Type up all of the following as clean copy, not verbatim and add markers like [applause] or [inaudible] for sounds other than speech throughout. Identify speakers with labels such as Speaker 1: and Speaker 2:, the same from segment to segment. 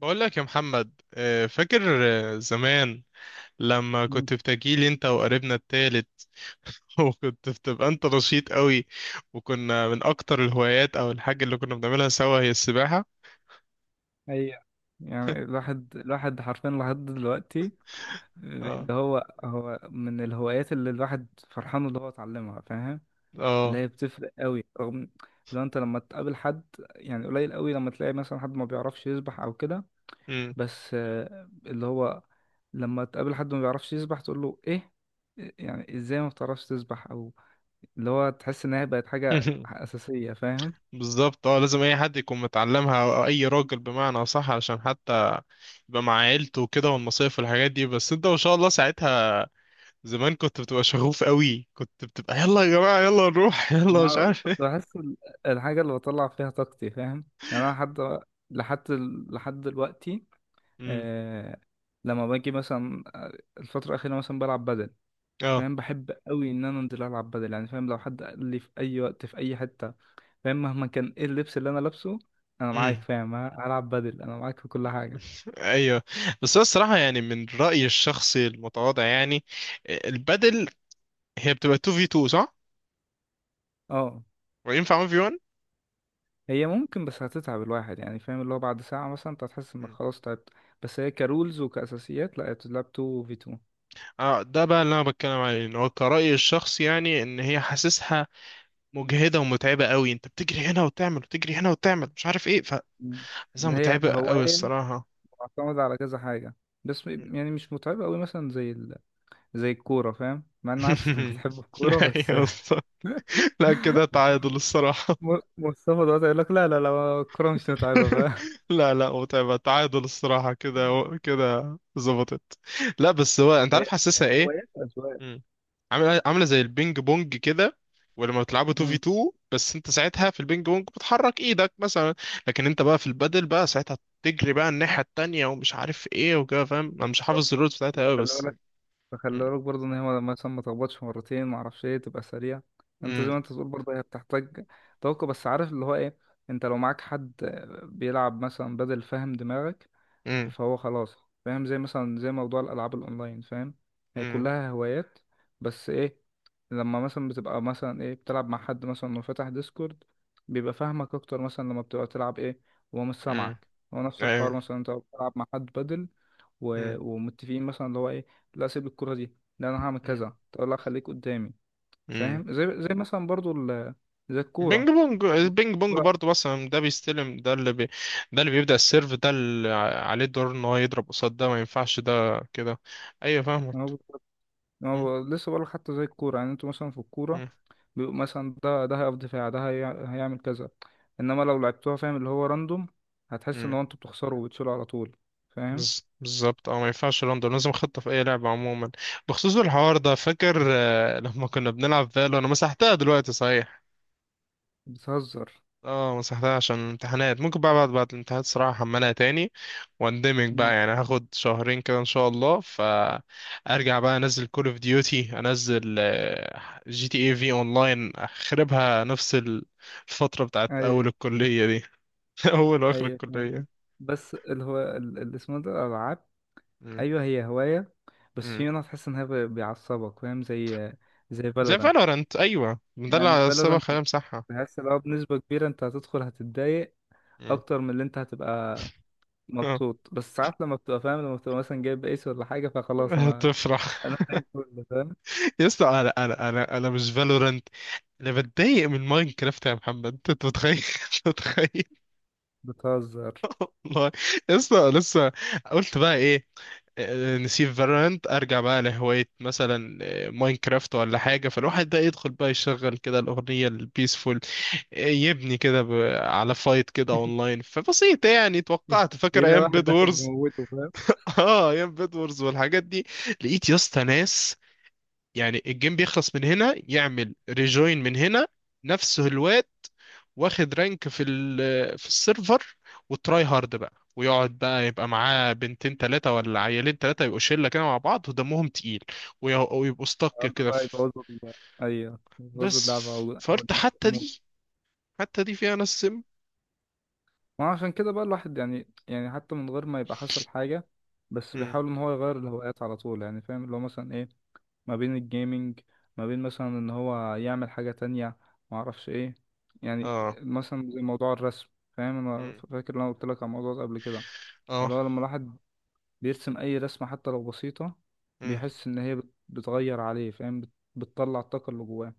Speaker 1: بقول لك يا محمد، فاكر. زمان لما
Speaker 2: مم.
Speaker 1: كنت بتجيلي انت وقريبنا التالت. [laughs] وكنت بتبقى انت نشيط قوي، وكنا من اكتر الهوايات او الحاجة اللي كنا بنعملها سوا هي السباحة.
Speaker 2: ايوه، يعني الواحد الواحد حرفيا لحد دلوقتي،
Speaker 1: اه،
Speaker 2: اللي هو هو من الهوايات اللي الواحد فرحان اللي هو اتعلمها. فاهم اللي
Speaker 1: اه.
Speaker 2: هي بتفرق قوي؟ رغم لو انت لما تقابل حد، يعني قليل قوي لما تلاقي مثلا حد ما بيعرفش يسبح او كده.
Speaker 1: مم.
Speaker 2: بس اللي هو لما تقابل حد ما بيعرفش يسبح تقول له ايه؟ يعني ازاي ما بتعرفش تسبح او اللي هو تحس ان هي بقت حاجة
Speaker 1: [laughs]
Speaker 2: اساسية. فاهم؟
Speaker 1: بالظبط، اه لازم اي حد يكون متعلمها، او اي راجل بمعنى صح، عشان حتى يبقى مع عيلته وكده والمصايف والحاجات دي. بس انت ما شاء الله ساعتها زمان كنت بتبقى شغوف قوي، كنت بتبقى يلا يا جماعة يلا نروح، [laughs] يلا
Speaker 2: يعني
Speaker 1: مش
Speaker 2: أنا
Speaker 1: عارف
Speaker 2: كنت
Speaker 1: ايه.
Speaker 2: بحس الحاجة اللي بطلع فيها طاقتي. فاهم؟ يعني أنا لحد لحد دلوقتي.
Speaker 1: مم.
Speaker 2: آه، لما باجي مثلا الفترة الأخيرة مثلا بلعب بدل. فاهم، بحب قوي إن أنا أنزل ألعب بدل. يعني فاهم، لو حد قال لي في أي وقت في أي حتة، فاهم مهما كان إيه اللبس اللي أنا لابسه، أنا معاك.
Speaker 1: اه.
Speaker 2: فاهم؟ هلعب بدل، أنا معاك في كل حاجة.
Speaker 1: ايوه. بس هو الصراحه، يعني من رايي الشخصي المتواضع، يعني البدل هي بتبقى 2 في 2 صح؟
Speaker 2: أه،
Speaker 1: وينفع 1 في 1.
Speaker 2: هي ممكن بس هتتعب الواحد. يعني فاهم، اللي هو بعد ساعة مثلا أنت هتحس إنك خلاص تعبت. بس هي كرولز وكأساسيات، لا هي بتتلعب 2 في 2.
Speaker 1: اه، ده بقى اللي انا بتكلم عليه، ان هو كرأيي الشخصي يعني، ان هي حاسسها مجهده ومتعبه قوي، انت بتجري هنا وتعمل، وتجري هنا وتعمل، مش عارف ايه، فحاسسها
Speaker 2: مم. اللي هي
Speaker 1: متعبه قوي
Speaker 2: هواية
Speaker 1: الصراحه.
Speaker 2: معتمدة على كذا حاجة، بس يعني مش متعبة أوي مثلا زي الكورة. فاهم، مع إن عارف [laughs] إنك
Speaker 1: [laughs]
Speaker 2: بتحب الكورة، بس
Speaker 1: ايوه بالظبط. لا كده تعادل الصراحه.
Speaker 2: [laughs] مصطفى دلوقتي يقول لك لا لا لا الكورة مش متعبة
Speaker 1: [laughs]
Speaker 2: بقى.
Speaker 1: لا، لا متعبه، تعادل الصراحه كده، كده ظبطت. لا بس هو انت عارف
Speaker 2: هي
Speaker 1: حاسسها ايه؟
Speaker 2: هوايات أذواق.
Speaker 1: مم. عامله عامله زي البينج بونج كده، ولما بتلعبوا 2 في
Speaker 2: مم.
Speaker 1: 2، بس انت ساعتها في البينج بونج بتحرك ايدك مثلا، لكن انت بقى في البادل بقى ساعتها تجري بقى الناحيه التانيه، ومش عارف ايه وكده. فاهم، انا مش حافظ
Speaker 2: بالظبط.
Speaker 1: الرولز بتاعتها قوي
Speaker 2: خلي
Speaker 1: بس.
Speaker 2: بالك،
Speaker 1: مم.
Speaker 2: فخلي بالك برضه إن هي مثلا ما تخبطش مرتين، ما أعرفش إيه، تبقى سريع. أنت زي
Speaker 1: مم.
Speaker 2: ما أنت بتقول، برضه هي بتحتاج توقع. بس عارف اللي هو إيه، أنت لو معاك حد بيلعب مثلا بدل فاهم دماغك،
Speaker 1: مم.
Speaker 2: فهو خلاص. فاهم زي مثلا زي موضوع الالعاب الاونلاين، فاهم هي
Speaker 1: مم.
Speaker 2: كلها هوايات. بس ايه؟ لما مثلا بتبقى مثلا ايه بتلعب مع حد مثلا وفتح ديسكورد، بيبقى فاهمك اكتر مثلا لما بتبقى تلعب ايه وهو مش
Speaker 1: مم.
Speaker 2: سامعك. هو نفس الحوار
Speaker 1: ايوه.
Speaker 2: مثلا انت بتلعب مع حد بدل
Speaker 1: مم.
Speaker 2: ومتفقين مثلا اللي هو ايه، لا سيب الكرة دي، لا انا هعمل
Speaker 1: مم.
Speaker 2: كذا، تقول لا خليك قدامي.
Speaker 1: مم.
Speaker 2: فاهم زي مثلا زي
Speaker 1: بينج
Speaker 2: الكورة.
Speaker 1: بونج البينج بونج برضه، مثلا ده بيستلم ده ده اللي بيبدأ السيرف، ده اللي عليه الدور ان هو يضرب قصاد ده، ما ينفعش ده كده. ايوه فاهمك.
Speaker 2: الكورة
Speaker 1: مم.
Speaker 2: هو لسه بقولك حتى زي الكورة. يعني انتوا مثلا في الكورة
Speaker 1: مم.
Speaker 2: بيبقوا مثلا ده هيقف دفاع، هيعمل كذا. انما لو لعبتوها، فاهم اللي هو راندوم، هتحس ان
Speaker 1: مم.
Speaker 2: هو انتوا بتخسروا وبتشيلوا على طول. فاهم؟
Speaker 1: بالظبط، اه ما ينفعش لندن، لازم خطة في اي لعبة عموما. بخصوص الحوار ده، فاكر لما كنا بنلعب فالو، انا مسحتها دلوقتي صحيح.
Speaker 2: بتهزر.
Speaker 1: اه مسحتها عشان الامتحانات، ممكن بقى بعد الامتحانات صراحة احملها تاني، واندمج
Speaker 2: مم.
Speaker 1: بقى يعني، هاخد شهرين كده ان شاء الله، فارجع بقى انزل كول اوف ديوتي، انزل جي تي اي في اونلاين، اخربها نفس الفترة بتاعت
Speaker 2: اي
Speaker 1: اول الكلية دي. [laughs] اول واخر
Speaker 2: اي، فاهم قصدك.
Speaker 1: الكلية.
Speaker 2: بس اللي هو اللي اسمه ده الالعاب،
Speaker 1: مم.
Speaker 2: ايوه هي هواية، بس
Speaker 1: مم.
Speaker 2: في منها تحس بيعصبك. فاهم، زي زي
Speaker 1: زي
Speaker 2: فالورانت.
Speaker 1: فالورانت، ايوه ده
Speaker 2: يعني
Speaker 1: اللي السبب
Speaker 2: فالورانت،
Speaker 1: خلينا امسحها.
Speaker 2: تحس لو بنسبة كبيرة انت هتدخل هتتضايق
Speaker 1: مم.
Speaker 2: اكتر من اللي انت هتبقى
Speaker 1: آه.
Speaker 2: مبسوط. بس ساعات لما بتبقى فاهم، لما بتبقى مثلا جايب ايس ولا حاجه، فخلاص انا
Speaker 1: هتفرح.
Speaker 2: انا فاهم كله. فاهم
Speaker 1: [laughs] يا اسطى انا مش فالورانت، انا بتضايق من ماينكرافت يا محمد، انت متخيل؟ [laughs] أنت متخيل.
Speaker 2: بتهزر.
Speaker 1: والله يا اسطى لسه. قلت بقى ايه؟ نسيب فالورانت، ارجع بقى لهوايه مثلا، ماينكرافت ولا حاجه، فالواحد بقى يدخل بقى يشغل كده الاغنيه البيسفول، يبني كده ب- على فايت كده اونلاين فبسيط يعني،
Speaker 2: [laughs]
Speaker 1: توقعت فاكر
Speaker 2: هنا
Speaker 1: ايام
Speaker 2: واحد
Speaker 1: بيد
Speaker 2: داخل
Speaker 1: وورز.
Speaker 2: بموته، فاهم
Speaker 1: [laughs] اه ايام بيد وورز والحاجات دي. لقيت يا اسطى ناس، يعني الجيم بيخلص من هنا يعمل ريجوين من هنا، نفس الواد واخد رانك في السيرفر، وتراي هارد بقى، ويقعد بقى يبقى معاه بنتين تلاتة ولا عيالين تلاتة، يبقوا شلة كده مع بعض ودمهم تقيل، وي- ويبقوا استك
Speaker 2: يقعدوا
Speaker 1: كده
Speaker 2: بقى
Speaker 1: في.
Speaker 2: يبوظوا ايوه يبوظوا
Speaker 1: بس
Speaker 2: اللعبه او
Speaker 1: فقلت حتى
Speaker 2: الموت.
Speaker 1: دي، حتى دي فيها ناس سم.
Speaker 2: ما عشان كده بقى الواحد، يعني يعني حتى من غير ما يبقى حصل حاجه، بس
Speaker 1: مم.
Speaker 2: بيحاول ان هو يغير الهوايات على طول. يعني فاهم اللي هو مثلا ايه، ما بين الجيمنج، ما بين مثلا ان هو يعمل حاجة تانية، ما اعرفش ايه. يعني
Speaker 1: اه.
Speaker 2: مثلا زي موضوع الرسم، فاهم انا
Speaker 1: مم.
Speaker 2: فاكر إن انا قلت لك على الموضوع ده قبل كده.
Speaker 1: اه.
Speaker 2: اللي هو لما الواحد بيرسم اي رسمة حتى لو بسيطة
Speaker 1: مم.
Speaker 2: بيحس ان هي بتغير عليه. فاهم بتطلع الطاقة اللي جواه.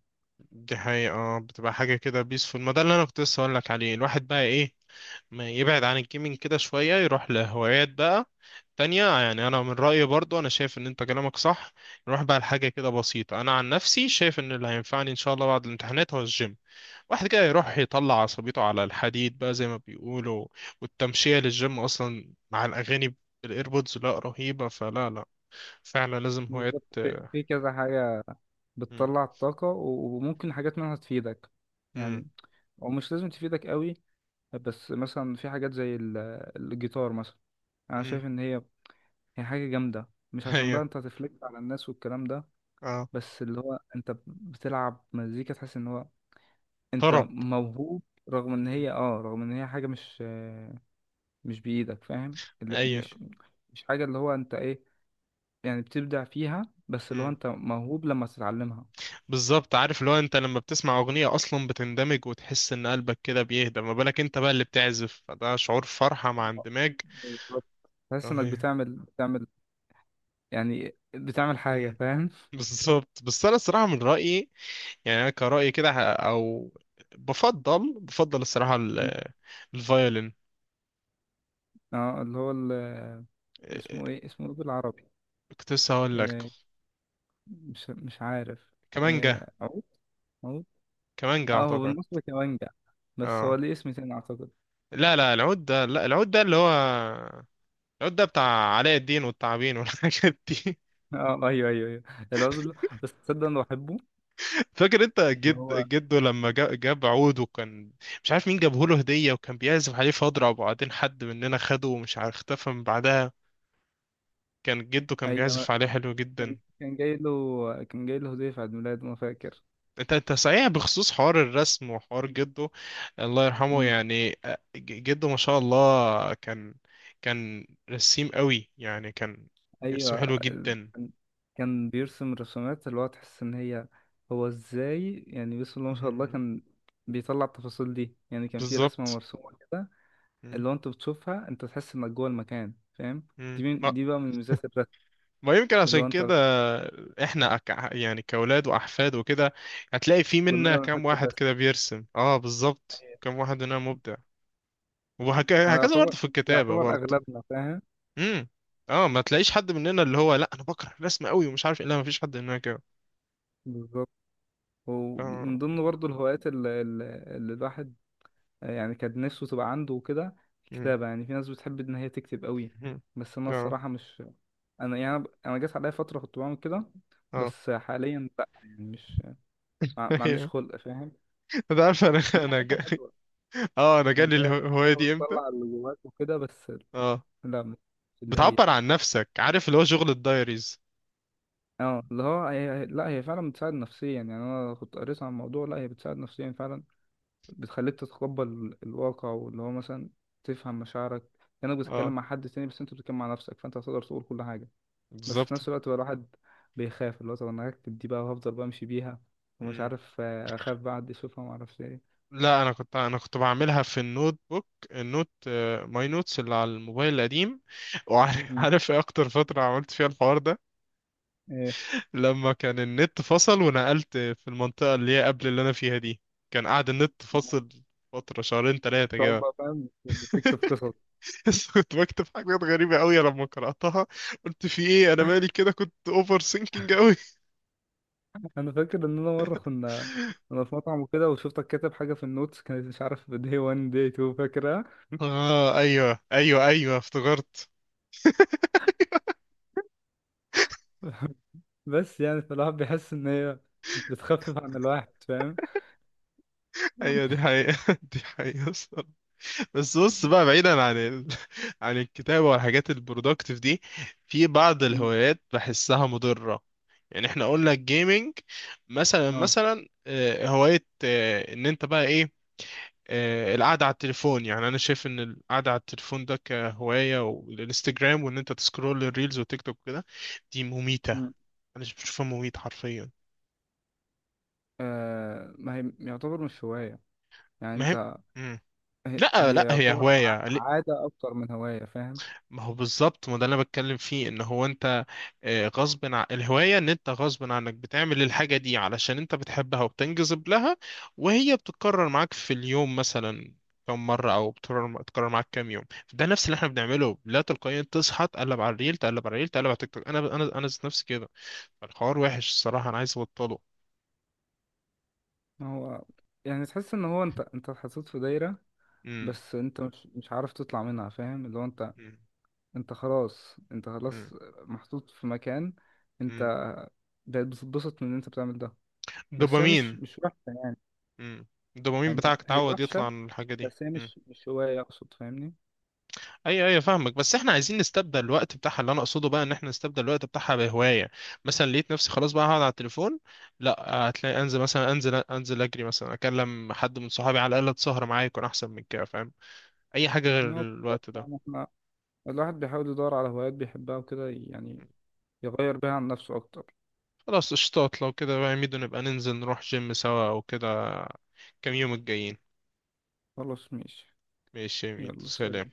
Speaker 1: دي حقيقة، اه بتبقى حاجة كده بيسفول. ما ده اللي انا كنت لسه هقولك عليه، الواحد بقى ايه، ما يبعد عن الجيمنج كده شوية، يروح لهوايات بقى تانية يعني. أنا من رأيي برضو، أنا شايف إن أنت كلامك صح، نروح بقى لحاجة كده بسيطة. أنا عن نفسي شايف إن اللي هينفعني إن شاء الله بعد الامتحانات هو الجيم، واحد كده يروح يطلع عصبيته على الحديد بقى زي ما بيقولوا، والتمشية للجيم أصلا مع الأغاني بالإيربودز، لا رهيبة. فلا لا فعلا لازم هوايات.
Speaker 2: بالظبط، في في كذا حاجة
Speaker 1: مم.
Speaker 2: بتطلع الطاقة وممكن حاجات منها تفيدك.
Speaker 1: مم.
Speaker 2: يعني او مش لازم تفيدك قوي، بس مثلا في حاجات زي الجيتار مثلا. انا
Speaker 1: مم.
Speaker 2: شايف ان هي هي حاجة جامدة، مش
Speaker 1: [laughs]
Speaker 2: عشان
Speaker 1: أيوة.
Speaker 2: بقى انت هتفلكت على الناس والكلام ده،
Speaker 1: أه.
Speaker 2: بس اللي هو انت بتلعب مزيكا تحس ان هو انت
Speaker 1: طرب.
Speaker 2: موهوب. رغم ان
Speaker 1: مم.
Speaker 2: هي اه، رغم ان هي حاجة مش بإيدك. فاهم، لا،
Speaker 1: أيوة
Speaker 2: مش مش حاجة اللي هو انت ايه، يعني بتبدع فيها، بس اللي هو انت موهوب لما تتعلمها.
Speaker 1: بالظبط، عارف اللي هو انت لما بتسمع اغنية اصلا بتندمج، وتحس ان قلبك كده بيهدى، ما بالك انت بقى اللي بتعزف، فده شعور فرحة مع اندماج
Speaker 2: بالظبط، تحس انك
Speaker 1: رهيب.
Speaker 2: بتعمل بتعمل يعني بتعمل حاجة.
Speaker 1: مم.
Speaker 2: فاهم؟
Speaker 1: بالظبط. بس انا الصراحة من رأيي يعني، انا كرأيي كده او بفضل الصراحة الفيولين.
Speaker 2: اه اللي هو اسمه
Speaker 1: اه،
Speaker 2: ايه اسمه ايه بالعربي؟
Speaker 1: كنت لسه هقول لك
Speaker 2: آه، مش مش عارف.
Speaker 1: كمانجا.
Speaker 2: عود عود.
Speaker 1: كمانجا
Speaker 2: اه هو
Speaker 1: اعتقد.
Speaker 2: بالمصري كمانجا، بس هو
Speaker 1: اه.
Speaker 2: ليه اسم تاني اعتقد.
Speaker 1: لا، لا العود ده، لا العود ده اللي هو العود ده بتاع علاء الدين والتعابين والحاجات دي.
Speaker 2: [laughs] اه ايوه ايوه ايوه، العود اللي... بس تصدق انا بحبه.
Speaker 1: فاكر انت
Speaker 2: اللي
Speaker 1: جد
Speaker 2: هو
Speaker 1: جده، لما جاب عود، وكان مش عارف مين جابه له هدية، وكان بيعزف عليه فاضرة، وبعدين حد مننا خده ومش عارف اختفى من بعدها. كان جده كان
Speaker 2: ايوه. أنا،
Speaker 1: بيعزف عليه حلو جدا.
Speaker 2: كان كان جاي له كان جاي له هدية في عيد ميلاده، ما فاكر.
Speaker 1: انت انت صحيح بخصوص حوار الرسم وحوار جده، الله يرحمه.
Speaker 2: مم.
Speaker 1: يعني جده ما شاء الله كان، كان رسيم قوي يعني، كان يرسم
Speaker 2: ايوه
Speaker 1: حلو جدا.
Speaker 2: كان كان بيرسم رسومات اللي هو تحس ان هي هو ازاي. يعني بسم الله ما شاء الله،
Speaker 1: مم.
Speaker 2: كان بيطلع التفاصيل دي. يعني كان في رسمة
Speaker 1: بالظبط.
Speaker 2: مرسومة كده،
Speaker 1: مم.
Speaker 2: اللي هو انت بتشوفها انت تحس انك جوه المكان. فاهم؟
Speaker 1: مم.
Speaker 2: دي بقى من ميزات
Speaker 1: ما يمكن عشان
Speaker 2: اللي هو انت.
Speaker 1: كده احنا يعني كأولاد وأحفاد وكده، هتلاقي في
Speaker 2: كلنا
Speaker 1: منا
Speaker 2: بنحب
Speaker 1: كام واحد
Speaker 2: الرسم.
Speaker 1: كده بيرسم. اه بالظبط، كام واحد مننا مبدع،
Speaker 2: هو
Speaker 1: وهكذا
Speaker 2: يعتبر
Speaker 1: برضه في الكتابة برضه.
Speaker 2: اغلبنا فاهم،
Speaker 1: امم. اه، ما تلاقيش حد مننا اللي هو لا انا بكره الرسم قوي ومش عارف إيه، لا ما فيش حد مننا كده.
Speaker 2: بالظبط.
Speaker 1: ف...
Speaker 2: ومن ضمن برضو الهوايات اللي الواحد يعني كان نفسه تبقى عنده وكده،
Speaker 1: مم.
Speaker 2: الكتابة. يعني في ناس بتحب ان هي تكتب قوي.
Speaker 1: مم.
Speaker 2: بس انا
Speaker 1: اه.
Speaker 2: الصراحة مش، انا يعني انا جات عليا فترة كنت بعمل كده،
Speaker 1: اه.
Speaker 2: بس حاليا لا. يعني مش
Speaker 1: [laughs]
Speaker 2: ما عنديش
Speaker 1: أيوه.
Speaker 2: خلق. فاهم
Speaker 1: انت عارف
Speaker 2: إن هي حاجة حلوة،
Speaker 1: [laughs] اه، انا
Speaker 2: يعني
Speaker 1: جالي
Speaker 2: هي بتبقى حاجة
Speaker 1: الهواية دي امتى!
Speaker 2: بتطلع اللي جواك وكده. بس
Speaker 1: اه
Speaker 2: لا مش اللي هي
Speaker 1: بتعبر عن نفسك، عارف اللي هو شغل الدايريز.
Speaker 2: اه اللي هو هي... لا هي فعلا بتساعد نفسيا. يعني انا كنت قريت عن الموضوع، لا هي بتساعد نفسيا فعلا، بتخليك تتقبل الواقع، واللي هو مثلا تفهم مشاعرك، كأنك
Speaker 1: اه
Speaker 2: بتتكلم مع حد تاني بس انت بتتكلم مع نفسك، فانت هتقدر تقول كل حاجة. بس في
Speaker 1: بالظبط.
Speaker 2: نفس الوقت بقى الواحد بيخاف، اللي هو طب انا هكتب دي بقى وهفضل بمشي بيها، ومش
Speaker 1: مم.
Speaker 2: عارف اخاف بقى حد يشوفها، معرفش ايه.
Speaker 1: لا، انا كنت بعملها في النوت بوك، النوت ماي نوتس اللي على الموبايل القديم. وعارف [laughs]
Speaker 2: مم.
Speaker 1: عارف ايه اكتر فتره عملت فيها الحوار ده؟
Speaker 2: ايه؟
Speaker 1: لما كان النت فصل، ونقلت في المنطقه اللي هي قبل اللي انا فيها دي، كان قاعد النت
Speaker 2: آه.
Speaker 1: فصل فتره شهرين ثلاثه
Speaker 2: تقعد
Speaker 1: كده.
Speaker 2: بقى، فاهم تكتب
Speaker 1: [laughs]
Speaker 2: قصص.
Speaker 1: بس كنت بكتب حاجات غريبه قوي، لما قراتها قلت في ايه انا مالي كده، كنت اوفر سينكينج قوي.
Speaker 2: انا فاكر ان انا مرة كنا
Speaker 1: [laughs]
Speaker 2: انا في مطعم وكده وشفتك كاتب حاجة في النوتس كانت مش عارف day 1 day 2. فاكر؟
Speaker 1: اه ايوه ايوه ايوه افتكرت.
Speaker 2: [laughs] بس يعني فالواحد بيحس ان هي بتخفف عن الواحد. فاهم؟
Speaker 1: ايوه دي حقيقه. [laughs] دي حقيقه. بس بص بقى، بعيدا عن ال... [laughs] عن الكتابة والحاجات البرودكتيف دي، في بعض
Speaker 2: [laughs] مم.
Speaker 1: الهوايات بحسها مضرة. يعني احنا قلنا الجيمنج، مثلا
Speaker 2: اه.
Speaker 1: مثلا آه، هواية ان انت بقى ايه، القعدة على التليفون. يعني انا شايف ان القعدة على التليفون ده كهواية، والانستجرام، وان انت تسكرول الريلز وتيك توك كده، دي مميتة.
Speaker 2: مم.
Speaker 1: انا بشوفها مميت حرفيا.
Speaker 2: ما هي يعتبر مش هواية. يعني
Speaker 1: مهم.
Speaker 2: انت،
Speaker 1: مم.
Speaker 2: هي
Speaker 1: لا
Speaker 2: هي
Speaker 1: لا هي
Speaker 2: يعتبر
Speaker 1: هواية،
Speaker 2: عادة اكتر من هواية. فاهم؟
Speaker 1: ما هو بالظبط، ما ده اللي انا بتكلم فيه ان هو انت غصب عن الهوايه، ان انت غصب عنك بتعمل الحاجه دي علشان انت بتحبها وبتنجذب لها، وهي بتتكرر معاك في اليوم مثلا كم مره، او بتكرر معاك كام يوم. ده نفس اللي احنا بنعمله، لا تلقائيا تصحى تقلب على الريل، تقلب على الريل، تقلب على تيك توك. انا ذات نفسي كده، الحوار وحش الصراحه، انا عايز ابطله.
Speaker 2: ما هو، يعني تحس ان هو انت اتحطيت في دايرة،
Speaker 1: امم.
Speaker 2: بس انت مش عارف تطلع منها. فاهم اللي هو انت،
Speaker 1: امم.
Speaker 2: انت خلاص انت
Speaker 1: امم.
Speaker 2: خلاص محطوط في مكان.
Speaker 1: امم.
Speaker 2: انت بقيت بتتبسط من ان انت بتعمل ده، بس هي مش
Speaker 1: دوبامين.
Speaker 2: مش وحشة. يعني
Speaker 1: امم. الدوبامين
Speaker 2: يعني
Speaker 1: بتاعك
Speaker 2: هي
Speaker 1: اتعود يطلع
Speaker 2: وحشة،
Speaker 1: عن الحاجه دي.
Speaker 2: بس هي
Speaker 1: إمم.
Speaker 2: مش هواية أقصد. فاهمني؟
Speaker 1: ايوه ايوه فاهمك، بس احنا عايزين نستبدل الوقت بتاعها. اللي انا اقصده بقى، ان احنا نستبدل الوقت بتاعها بهوايه، مثلا لقيت نفسي خلاص بقى هقعد على التليفون، لا، هتلاقي انزل مثلا، انزل انزل اجري مثلا، اكلم حد من صحابي على الاقل تسهر معايا يكون احسن من كده، فاهم اي حاجه غير
Speaker 2: إن هو بالظبط.
Speaker 1: الوقت ده.
Speaker 2: يعني إحنا الواحد بيحاول يدور على هوايات بيحبها وكده، يعني يغير بيها عن نفسه أكتر.
Speaker 1: خلاص قشطات، لو كده بقى يا ميدو نبقى ننزل نروح جيم سوا او كده، كام يوم الجايين.
Speaker 2: خلاص ماشي،
Speaker 1: ماشي يا ميدو،
Speaker 2: يلا
Speaker 1: سلام.
Speaker 2: سلام.